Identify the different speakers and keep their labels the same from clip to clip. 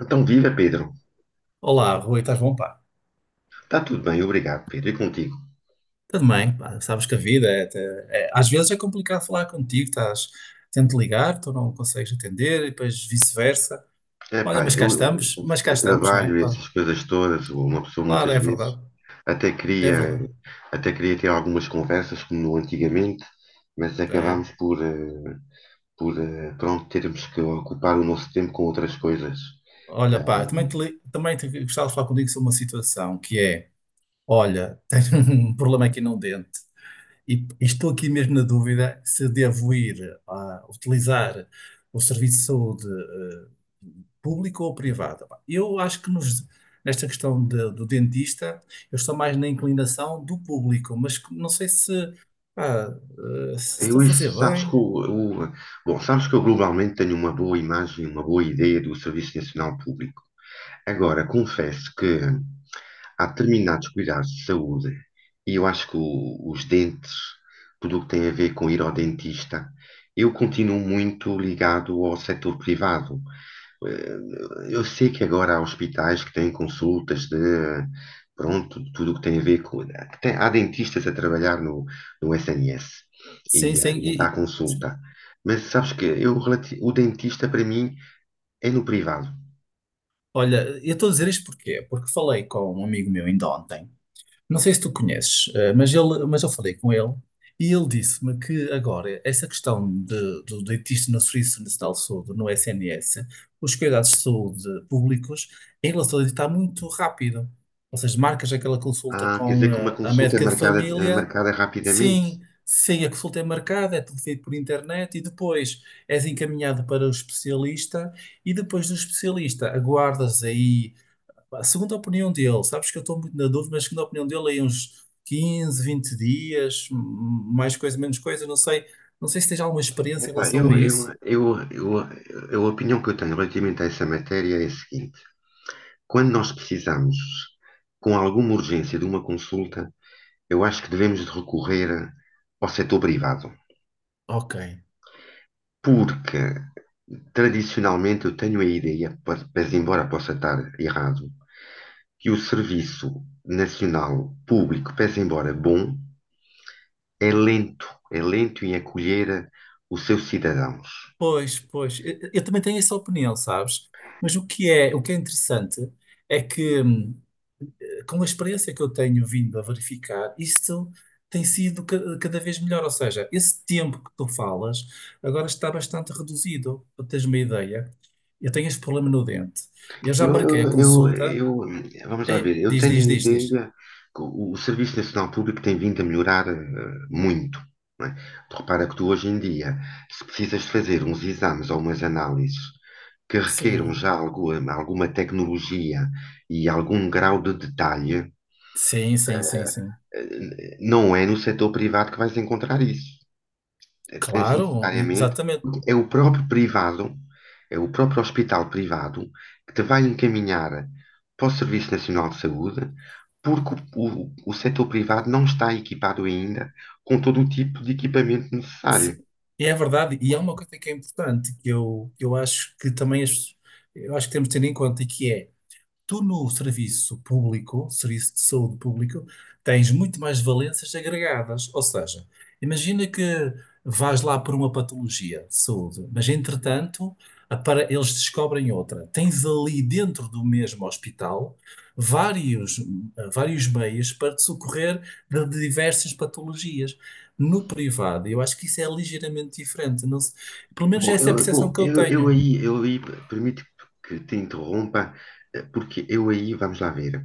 Speaker 1: Então, viva Pedro.
Speaker 2: Olá, Rui, estás bom, pá?
Speaker 1: Está tudo bem, obrigado, Pedro. E contigo?
Speaker 2: Tudo bem, pá. Sabes que a vida às vezes é complicado falar contigo, estás, tento ligar, tu não consegues atender e depois vice-versa.
Speaker 1: É
Speaker 2: Olha,
Speaker 1: pá, eu,
Speaker 2: mas cá
Speaker 1: o
Speaker 2: estamos, não é,
Speaker 1: trabalho, e
Speaker 2: pá?
Speaker 1: essas coisas todas, uma pessoa
Speaker 2: Claro,
Speaker 1: muitas
Speaker 2: é
Speaker 1: vezes
Speaker 2: verdade,
Speaker 1: até
Speaker 2: é
Speaker 1: queria,
Speaker 2: verdade.
Speaker 1: até queria ter algumas conversas como no antigamente, mas
Speaker 2: É.
Speaker 1: acabámos por, por pronto, termos que ocupar o nosso tempo com outras coisas.
Speaker 2: Olha, pá, também te gostava de falar contigo sobre uma situação que é, olha, tenho um problema aqui num dente. E estou aqui mesmo na dúvida se devo ir a utilizar o serviço de saúde público ou privado. Pá, eu acho que nesta questão do dentista, eu estou mais na inclinação do público, mas que não sei se, pá, se estou
Speaker 1: Eu
Speaker 2: a fazer
Speaker 1: isso, sabes que
Speaker 2: bem.
Speaker 1: o- bom, sabes que eu globalmente tenho uma boa imagem, uma boa ideia do Serviço Nacional Público. Agora, confesso que há determinados cuidados de saúde e eu acho que os dentes, tudo o que tem a ver com ir ao dentista, eu continuo muito ligado ao setor privado. Eh, Eu sei que agora há hospitais que têm consultas de, pronto, de tudo o que tem a ver com. Há dentistas a trabalhar no SNS
Speaker 2: Sim,
Speaker 1: e,
Speaker 2: sim.
Speaker 1: e a dar consulta. Mas sabes que eu, o dentista para mim é no privado.
Speaker 2: Olha, eu estou a dizer isto porquê? Porque falei com um amigo meu ainda ontem. Não sei se tu conheces, mas, ele, mas eu falei com ele e ele disse-me que agora essa questão de, do dentista no Serviço Nacional de Saúde, no SNS, os cuidados de saúde públicos, em relação a isso está muito rápido. Ou seja, marcas aquela consulta
Speaker 1: Ah, quer
Speaker 2: com
Speaker 1: dizer que uma
Speaker 2: a
Speaker 1: consulta
Speaker 2: médica de
Speaker 1: é
Speaker 2: família,
Speaker 1: marcada rapidamente.
Speaker 2: sim, sim, a consulta é marcada, é tudo feito por internet e depois és encaminhado para o especialista e depois do especialista aguardas aí. Pá, segundo a opinião dele, sabes que eu estou muito na dúvida, mas segundo a opinião dele, aí uns 15 20 dias, mais coisa, menos coisa, não sei, não sei se tens alguma experiência em
Speaker 1: Epá,
Speaker 2: relação a
Speaker 1: eu, eu,
Speaker 2: isso.
Speaker 1: eu, eu, eu- a opinião que eu tenho relativamente a essa matéria é a seguinte: quando nós precisamos, com alguma urgência, de uma consulta, eu acho que devemos de recorrer ao setor privado,
Speaker 2: Ok.
Speaker 1: porque tradicionalmente eu tenho a ideia, pese embora possa estar errado, que o serviço nacional público, pese embora bom, é lento, é lento em acolher o seu cidadão.
Speaker 2: Pois, pois, eu também tenho essa opinião, sabes? Mas o que é interessante é que com a experiência que eu tenho vindo a verificar, isto tem sido cada vez melhor. Ou seja, esse tempo que tu falas agora está bastante reduzido. Para teres uma ideia, eu tenho este problema no dente. Eu já
Speaker 1: Eu,
Speaker 2: marquei
Speaker 1: eu,
Speaker 2: a
Speaker 1: eu,
Speaker 2: consulta.
Speaker 1: eu- Vamos lá
Speaker 2: É,
Speaker 1: ver, eu
Speaker 2: diz,
Speaker 1: tenho
Speaker 2: diz,
Speaker 1: a
Speaker 2: diz, diz.
Speaker 1: ideia que o Serviço Nacional Público tem vindo a melhorar muito. Não é? Tu repara que tu hoje em dia, se precisas de fazer uns exames ou umas análises que requeram
Speaker 2: Sim.
Speaker 1: já algo, alguma tecnologia e algum grau de detalhe,
Speaker 2: Sim, sim, sim,
Speaker 1: eh,
Speaker 2: sim.
Speaker 1: não é no setor privado que vais encontrar isso. Tens
Speaker 2: Claro,
Speaker 1: necessariamente,
Speaker 2: exatamente.
Speaker 1: é o próprio privado, é o próprio hospital privado que te vai encaminhar para o Serviço Nacional de Saúde, porque o setor privado não está equipado ainda com todo o tipo de equipamento necessário.
Speaker 2: Se- É verdade. E há uma coisa que é importante que eu acho que também eu acho que temos de ter em conta e que é: tu no serviço público, serviço de saúde público, tens muito mais valências agregadas. Ou seja, imagina que vais lá por uma patologia de saúde, mas entretanto eles descobrem outra. Tens ali dentro do mesmo hospital vários, vários meios para te socorrer de diversas patologias. No privado, eu acho que isso é ligeiramente diferente. Pelo menos
Speaker 1: Bom,
Speaker 2: essa é a
Speaker 1: eu,
Speaker 2: percepção
Speaker 1: bom,
Speaker 2: que eu
Speaker 1: eu, eu
Speaker 2: tenho.
Speaker 1: aí, eu aí, permite que te interrompa, porque eu aí, vamos lá ver,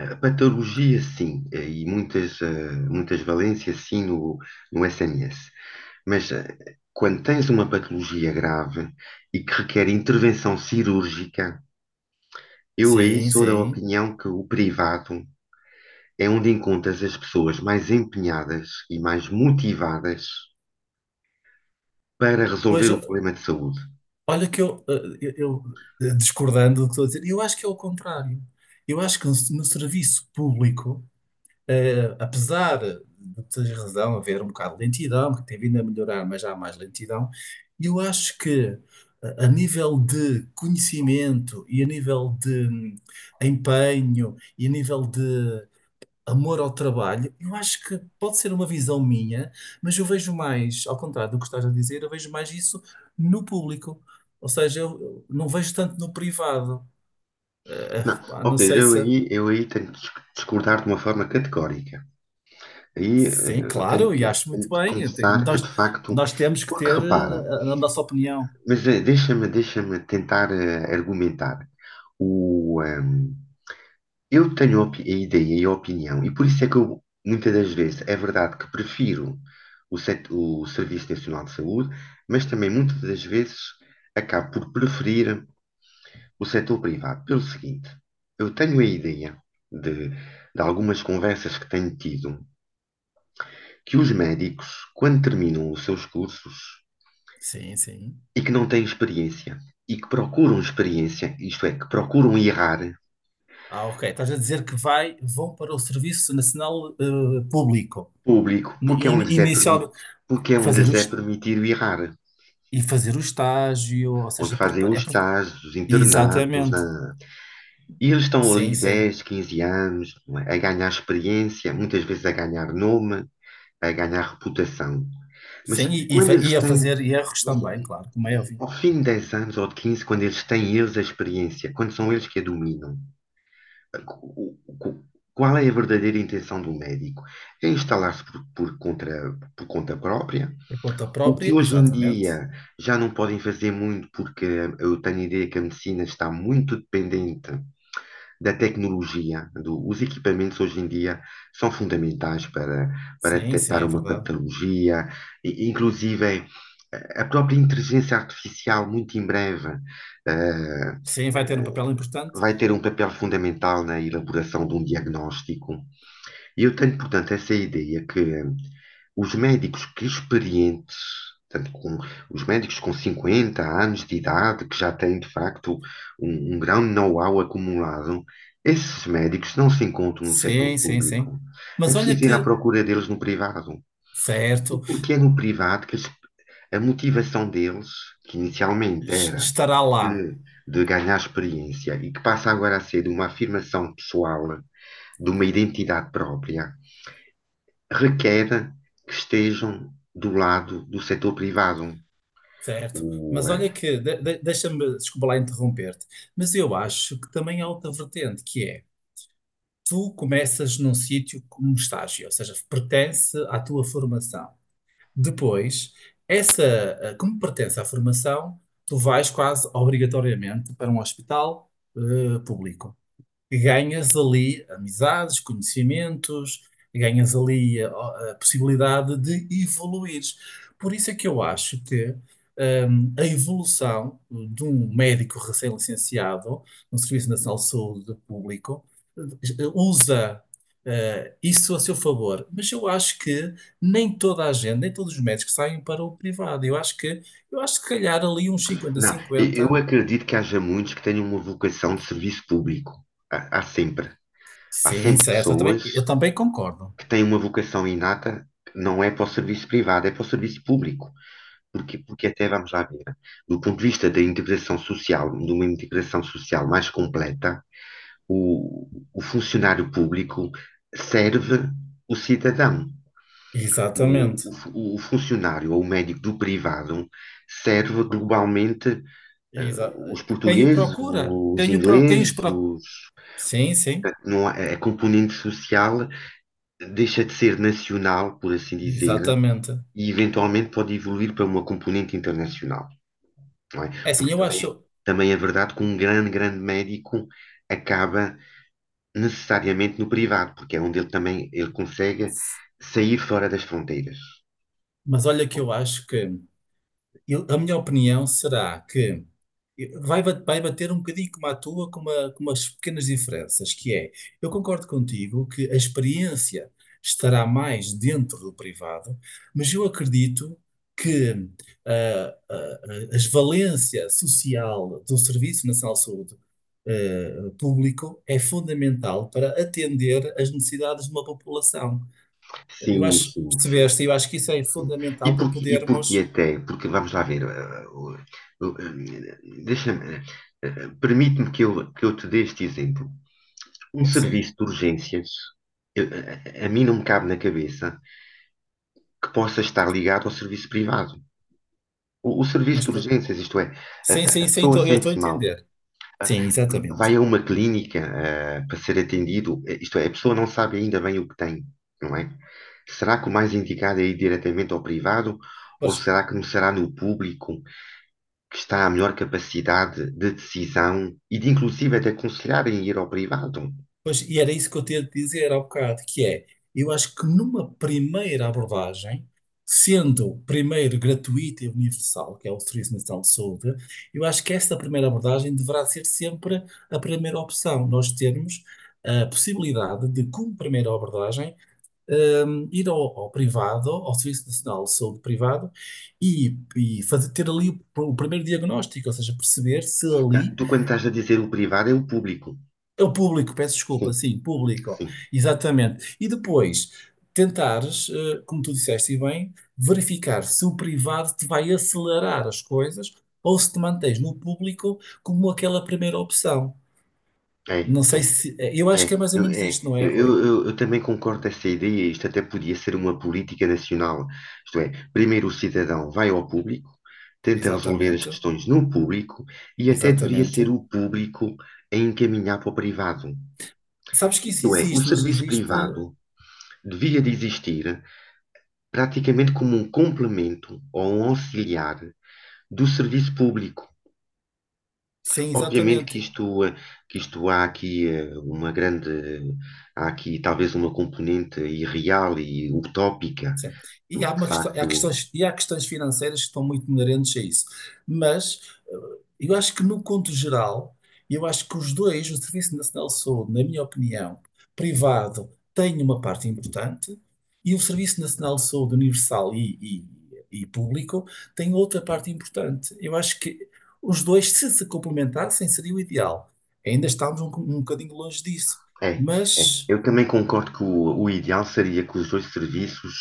Speaker 1: a patologia sim, e muitas, muitas valências sim no SNS, mas quando tens uma patologia grave e que requer intervenção cirúrgica, eu aí
Speaker 2: Sim,
Speaker 1: sou da
Speaker 2: sim.
Speaker 1: opinião que o privado é onde encontras as pessoas mais empenhadas e mais motivadas para
Speaker 2: Pois.
Speaker 1: resolver o problema de saúde.
Speaker 2: Olha que eu, discordando do que estou a dizer, eu acho que é o contrário. Eu acho que no serviço público, apesar de teres razão, haver um bocado de lentidão, que tem vindo a melhorar, mas já há mais lentidão, eu acho que a nível de conhecimento e a nível de empenho e a nível de amor ao trabalho, eu acho que pode ser uma visão minha, mas eu vejo mais, ao contrário do que estás a dizer, eu vejo mais isso no público. Ou seja, eu não vejo tanto no privado.
Speaker 1: Não,
Speaker 2: Pá,
Speaker 1: ó
Speaker 2: não
Speaker 1: Pedro,
Speaker 2: sei
Speaker 1: eu
Speaker 2: se.
Speaker 1: aí, eu aí tenho que discordar de uma forma categórica. Aí
Speaker 2: Sim,
Speaker 1: eu
Speaker 2: claro, e acho muito
Speaker 1: tenho que
Speaker 2: bem.
Speaker 1: confessar que,
Speaker 2: Nós,
Speaker 1: de facto,
Speaker 2: nós temos que
Speaker 1: porque
Speaker 2: ter
Speaker 1: repara,
Speaker 2: a nossa opinião.
Speaker 1: mas deixa-me tentar argumentar. O, ehm, Eu tenho a ideia e a opinião, e por isso é que eu, muitas das vezes, é verdade que prefiro o Serviço Nacional de Saúde, mas também muitas das vezes acabo por preferir o setor privado. Pelo seguinte, eu tenho a ideia de algumas conversas que tenho tido, que os médicos, quando terminam os seus cursos
Speaker 2: Sim, sim.
Speaker 1: e que não têm experiência, e que procuram experiência, isto é, que procuram errar
Speaker 2: Ah, ok. Estás a dizer que vai, vão para o Serviço Nacional Público.
Speaker 1: público, porque é onde lhes é permitido,
Speaker 2: Inicialmente,
Speaker 1: porque é onde
Speaker 2: fazer
Speaker 1: lhes é permitido errar.
Speaker 2: e fazer o estágio, ou
Speaker 1: Onde
Speaker 2: seja,
Speaker 1: fazem os estágios, os internatos.
Speaker 2: exatamente.
Speaker 1: E eles estão
Speaker 2: Sim,
Speaker 1: ali
Speaker 2: sim.
Speaker 1: 10, 15 anos, não é? A ganhar experiência, muitas vezes a ganhar nome, a ganhar reputação. Mas
Speaker 2: Sim,
Speaker 1: quando eles
Speaker 2: e a
Speaker 1: têm,
Speaker 2: fazer erros também, claro, como é óbvio.
Speaker 1: ao fim de 10 anos ou de 15, quando eles têm eles a experiência, quando são eles que a dominam, qual é a verdadeira intenção do médico? É instalar-se por conta própria?
Speaker 2: Por conta
Speaker 1: O que
Speaker 2: própria,
Speaker 1: hoje em
Speaker 2: exatamente.
Speaker 1: dia já não podem fazer muito, porque eu tenho a ideia que a medicina está muito dependente da tecnologia. Os equipamentos hoje em dia são fundamentais para, para
Speaker 2: Sim, sim,
Speaker 1: detectar
Speaker 2: é
Speaker 1: uma
Speaker 2: verdade.
Speaker 1: patologia, e inclusive a própria inteligência artificial, muito em breve, eh,
Speaker 2: Sim, vai ter um papel importante.
Speaker 1: vai ter um papel fundamental na elaboração de um diagnóstico. E eu tenho, portanto, essa ideia que os médicos que experientes, portanto, com, os médicos com 50 anos de idade, que já têm de facto um grande know-how acumulado, esses médicos não se encontram no setor
Speaker 2: Sim, sim,
Speaker 1: público.
Speaker 2: sim.
Speaker 1: É
Speaker 2: Mas olha
Speaker 1: preciso ir à
Speaker 2: que,
Speaker 1: procura deles no privado. E
Speaker 2: certo,
Speaker 1: porque é no privado que eles, a motivação deles, que inicialmente era
Speaker 2: estará
Speaker 1: de,
Speaker 2: lá.
Speaker 1: de ganhar experiência e que passa agora a ser uma afirmação pessoal de uma identidade própria, requer que estejam do lado do setor privado.
Speaker 2: Certo,
Speaker 1: O,
Speaker 2: mas
Speaker 1: eh,
Speaker 2: olha que, deixa-me, desculpa lá interromper-te, mas eu acho que também há outra vertente, que é, tu começas num sítio como estágio, ou seja, pertence à tua formação. Depois, essa, como pertence à formação, tu vais quase obrigatoriamente para um hospital, público, que ganhas ali amizades, conhecimentos, ganhas ali a possibilidade de evoluires. Por isso é que eu acho que a evolução de um médico recém-licenciado no Serviço Nacional de Saúde Público eh, usa isso a seu favor, mas eu acho que nem toda a gente, nem todos os médicos saem para o privado. Eu acho que se calhar ali uns 50
Speaker 1: não, eu
Speaker 2: cinquenta.
Speaker 1: acredito que haja muitos que tenham uma vocação de serviço público. Há, há sempre. Há
Speaker 2: Sim,
Speaker 1: sempre
Speaker 2: certo,
Speaker 1: pessoas
Speaker 2: eu também concordo.
Speaker 1: que têm uma vocação inata que não é para o serviço privado, é para o serviço público. Porque, até vamos lá ver, do ponto de vista da integração social, de uma integração social mais completa, o funcionário público serve o cidadão. O, o
Speaker 2: Exatamente.
Speaker 1: fu- o funcionário ou o médico do privado serve globalmente eh,
Speaker 2: Exa-
Speaker 1: os
Speaker 2: Quem o
Speaker 1: portugueses,
Speaker 2: procura?
Speaker 1: os
Speaker 2: Quem os
Speaker 1: ingleses,
Speaker 2: procura?
Speaker 1: os,
Speaker 2: Sim, sim,
Speaker 1: não há- a componente social deixa de ser nacional, por assim dizer,
Speaker 2: exatamente.
Speaker 1: e eventualmente pode evoluir para uma componente internacional, não é?
Speaker 2: É assim,
Speaker 1: Porque
Speaker 2: eu
Speaker 1: também,
Speaker 2: acho.
Speaker 1: também é verdade que um grande, grande médico acaba necessariamente no privado, porque é onde ele também ele consegue sair fora das fronteiras.
Speaker 2: Mas olha que eu acho que. A minha opinião será que vai, vai bater um bocadinho como a tua, com, uma, com umas pequenas diferenças, que é, eu concordo contigo que a experiência estará mais dentro do privado, mas eu acredito que as valência social do Serviço Nacional de Saúde público é fundamental para atender às necessidades de uma população. Eu
Speaker 1: Sim,
Speaker 2: acho,
Speaker 1: sim, sim,
Speaker 2: percebeste, eu
Speaker 1: sim.
Speaker 2: acho que isso é
Speaker 1: Sim.
Speaker 2: fundamental para
Speaker 1: E porquê
Speaker 2: podermos.
Speaker 1: até? Porque vamos lá ver, o- eh, deixa-me, permite-me que eu te dê este exemplo. Um
Speaker 2: Sim,
Speaker 1: serviço de urgências, a, a mim não me cabe na cabeça que possa estar ligado ao serviço privado. O serviço
Speaker 2: mas
Speaker 1: de
Speaker 2: por-
Speaker 1: urgências, isto é, a,
Speaker 2: sim, sim,
Speaker 1: a
Speaker 2: sim,
Speaker 1: pessoa
Speaker 2: eu estou a
Speaker 1: sente-se mal,
Speaker 2: entender.
Speaker 1: eh,
Speaker 2: Sim, exatamente.
Speaker 1: vai a uma clínica, para ser atendido, isto é, a pessoa não sabe ainda bem o que tem, não é? Será que o mais indicado é ir diretamente ao privado? Ou
Speaker 2: Pois,
Speaker 1: será que começará no público? Que está à melhor capacidade de decisão e de inclusive até aconselharem ir ao privado.
Speaker 2: pois, e era isso que eu tinha de dizer há bocado, que é, eu acho que numa primeira abordagem, sendo primeiro gratuita e universal, que é o Serviço Nacional de Saúde, eu acho que esta primeira abordagem deverá ser sempre a primeira opção. Nós termos a possibilidade de, como primeira abordagem, ir ao privado, ao Serviço Nacional de Saúde Privado, e ter ali o primeiro diagnóstico, ou seja, perceber se
Speaker 1: Ah,
Speaker 2: ali
Speaker 1: tu quando estás a dizer o privado é o público.
Speaker 2: é o público, peço desculpa,
Speaker 1: Sim,
Speaker 2: sim, público,
Speaker 1: sim,
Speaker 2: exatamente. E depois tentares, como tu disseste e bem, verificar se o privado te vai acelerar as coisas ou se te mantens no público como aquela primeira opção.
Speaker 1: é,
Speaker 2: Não sei
Speaker 1: é.
Speaker 2: se. Eu acho
Speaker 1: É,
Speaker 2: que é mais ou menos isto, não é, Rui?
Speaker 1: eu também concordo com essa ideia. Isto até podia ser uma política nacional. Isto é, primeiro o cidadão vai ao público, tenta resolver as
Speaker 2: Exatamente,
Speaker 1: questões no público e até deveria ser
Speaker 2: exatamente.
Speaker 1: o público a encaminhar para o privado.
Speaker 2: Sabes que isso
Speaker 1: Isto é, o
Speaker 2: existe, mas
Speaker 1: serviço
Speaker 2: existe.
Speaker 1: privado devia de existir praticamente como um complemento ou um auxiliar do serviço público.
Speaker 2: Sem
Speaker 1: Obviamente que
Speaker 2: exatamente.
Speaker 1: isto, que isto há aqui uma grande, há aqui talvez uma componente irreal e utópica,
Speaker 2: Sim. E há
Speaker 1: de
Speaker 2: uma questão,
Speaker 1: facto
Speaker 2: há questões, e há questões financeiras que estão muito inerentes a isso. Mas eu acho que, no conto geral, eu acho que os dois, o Serviço Nacional de Saúde, na minha opinião, privado, tem uma parte importante e o Serviço Nacional de Saúde Universal e público tem outra parte importante. Eu acho que os dois, se se complementassem, seria o ideal. Ainda estamos um, um bocadinho longe disso.
Speaker 1: é, é.
Speaker 2: Mas.
Speaker 1: Eu também concordo que o ideal seria que os dois serviços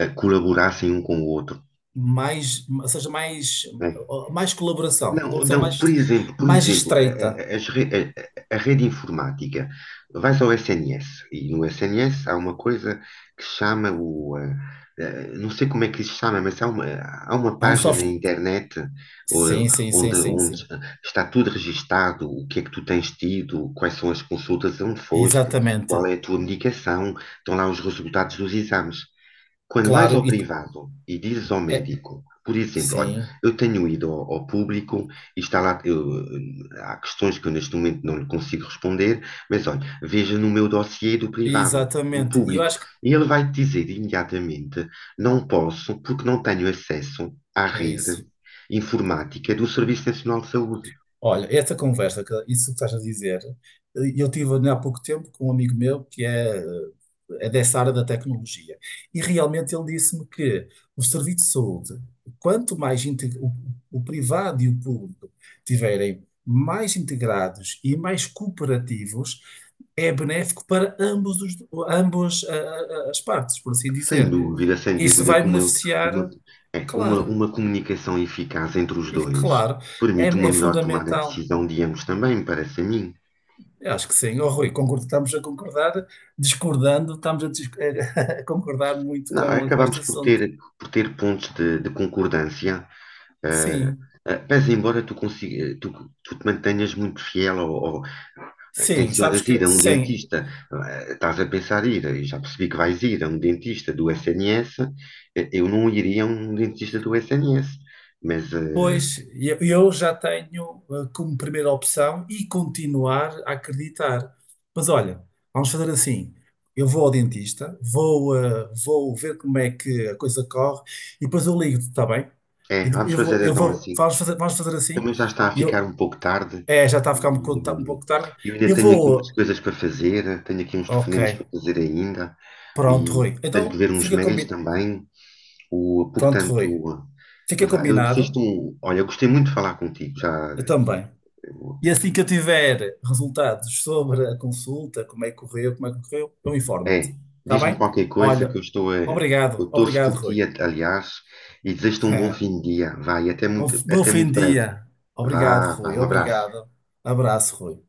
Speaker 1: colaborassem um com o outro.
Speaker 2: Mais, ou seja, mais,
Speaker 1: Né?
Speaker 2: mais colaboração, uma
Speaker 1: Não,
Speaker 2: colaboração
Speaker 1: não,
Speaker 2: mais,
Speaker 1: por
Speaker 2: mais
Speaker 1: exemplo, a,
Speaker 2: estreita.
Speaker 1: a a rede informática, vais ao SNS e no SNS há uma coisa que se chama o, não sei como é que se chama, mas há há uma
Speaker 2: Há um
Speaker 1: página na
Speaker 2: soft.
Speaker 1: internet
Speaker 2: Sim, sim, sim,
Speaker 1: onde,
Speaker 2: sim,
Speaker 1: onde
Speaker 2: sim.
Speaker 1: está tudo registado, o que é que tu tens tido, quais são as consultas onde foste, qual é
Speaker 2: Exatamente.
Speaker 1: a tua medicação, estão lá os resultados dos exames. Quando vais
Speaker 2: Claro,
Speaker 1: ao privado e dizes ao
Speaker 2: é,
Speaker 1: médico, por exemplo, olha,
Speaker 2: sim,
Speaker 1: eu tenho ido ao, ao público e está lá, há questões que eu neste momento não lhe consigo responder, mas olha, veja no meu dossiê do privado, do
Speaker 2: exatamente. E eu
Speaker 1: público,
Speaker 2: acho que
Speaker 1: e ele vai te dizer imediatamente, não posso porque não tenho acesso à
Speaker 2: é
Speaker 1: rede
Speaker 2: isso.
Speaker 1: informática do Serviço Nacional de Saúde.
Speaker 2: Olha, essa conversa, isso que estás a dizer, eu tive há pouco tempo com um amigo meu que é, é dessa área da tecnologia. E realmente ele disse-me que o serviço de saúde, quanto mais o privado e o público tiverem mais integrados e mais cooperativos, é benéfico para ambos os, ambos as partes, por assim
Speaker 1: Sem
Speaker 2: dizer.
Speaker 1: dúvida, sem
Speaker 2: Isso
Speaker 1: dúvida,
Speaker 2: vai
Speaker 1: como ele- uma,
Speaker 2: beneficiar,
Speaker 1: é,
Speaker 2: claro,
Speaker 1: uma comunicação eficaz entre os
Speaker 2: e
Speaker 1: dois
Speaker 2: claro, é
Speaker 1: permite uma
Speaker 2: é
Speaker 1: melhor tomada de
Speaker 2: fundamental.
Speaker 1: decisão de ambos também, parece a mim.
Speaker 2: Eu acho que sim, oh, Rui, concordo, estamos a concordar, discordando, a concordar muito
Speaker 1: Não,
Speaker 2: com
Speaker 1: acabamos
Speaker 2: este assunto.
Speaker 1: por ter pontos de concordância, eh,
Speaker 2: Sim,
Speaker 1: pese embora tu tu te mantenhas muito fiel ou
Speaker 2: sim, sabes
Speaker 1: tencionas ir
Speaker 2: que
Speaker 1: a um
Speaker 2: sim,
Speaker 1: dentista, estás a pensar ir, e já percebi que vais ir a um dentista do SNS, eu não iria a um dentista do SNS, mas
Speaker 2: pois eu já tenho como primeira opção e continuar a acreditar. Mas olha, vamos fazer assim: eu vou ao dentista, vou, vou ver como é que a coisa corre e depois eu ligo-te, está bem?
Speaker 1: é,
Speaker 2: E
Speaker 1: vamos fazer
Speaker 2: eu
Speaker 1: então
Speaker 2: vou,
Speaker 1: assim.
Speaker 2: vamos fazer assim.
Speaker 1: Também já está a ficar
Speaker 2: Eu,
Speaker 1: um pouco tarde
Speaker 2: é, já está a ficar um
Speaker 1: e
Speaker 2: pouco tá um pouco tarde.
Speaker 1: eu ainda
Speaker 2: Eu
Speaker 1: tenho aqui umas
Speaker 2: vou.
Speaker 1: coisas para fazer, tenho aqui uns
Speaker 2: Ok,
Speaker 1: telefonemas para fazer ainda
Speaker 2: pronto,
Speaker 1: e
Speaker 2: Rui.
Speaker 1: tenho que
Speaker 2: Então
Speaker 1: ver uns
Speaker 2: fica
Speaker 1: mails
Speaker 2: combinado.
Speaker 1: também. O,
Speaker 2: Pronto, Rui.
Speaker 1: portanto,
Speaker 2: Fica
Speaker 1: eu
Speaker 2: combinado.
Speaker 1: desisto um. Olha, eu gostei muito de falar contigo. Já,
Speaker 2: Eu também. E assim que eu tiver resultados sobre a consulta, como é que correu, como é que correu, eu informo-te.
Speaker 1: é,
Speaker 2: Está
Speaker 1: diz-me
Speaker 2: bem?
Speaker 1: qualquer coisa que eu
Speaker 2: Olha,
Speaker 1: estou a, eu
Speaker 2: obrigado,
Speaker 1: torço
Speaker 2: obrigado,
Speaker 1: por ti,
Speaker 2: Rui.
Speaker 1: aliás, e desejo-te um bom fim de dia. Vai,
Speaker 2: Bom, bom
Speaker 1: até
Speaker 2: fim
Speaker 1: muito
Speaker 2: de
Speaker 1: breve.
Speaker 2: dia. Obrigado,
Speaker 1: Vá, vá,
Speaker 2: Rui.
Speaker 1: um abraço.
Speaker 2: Obrigado. Abraço, Rui.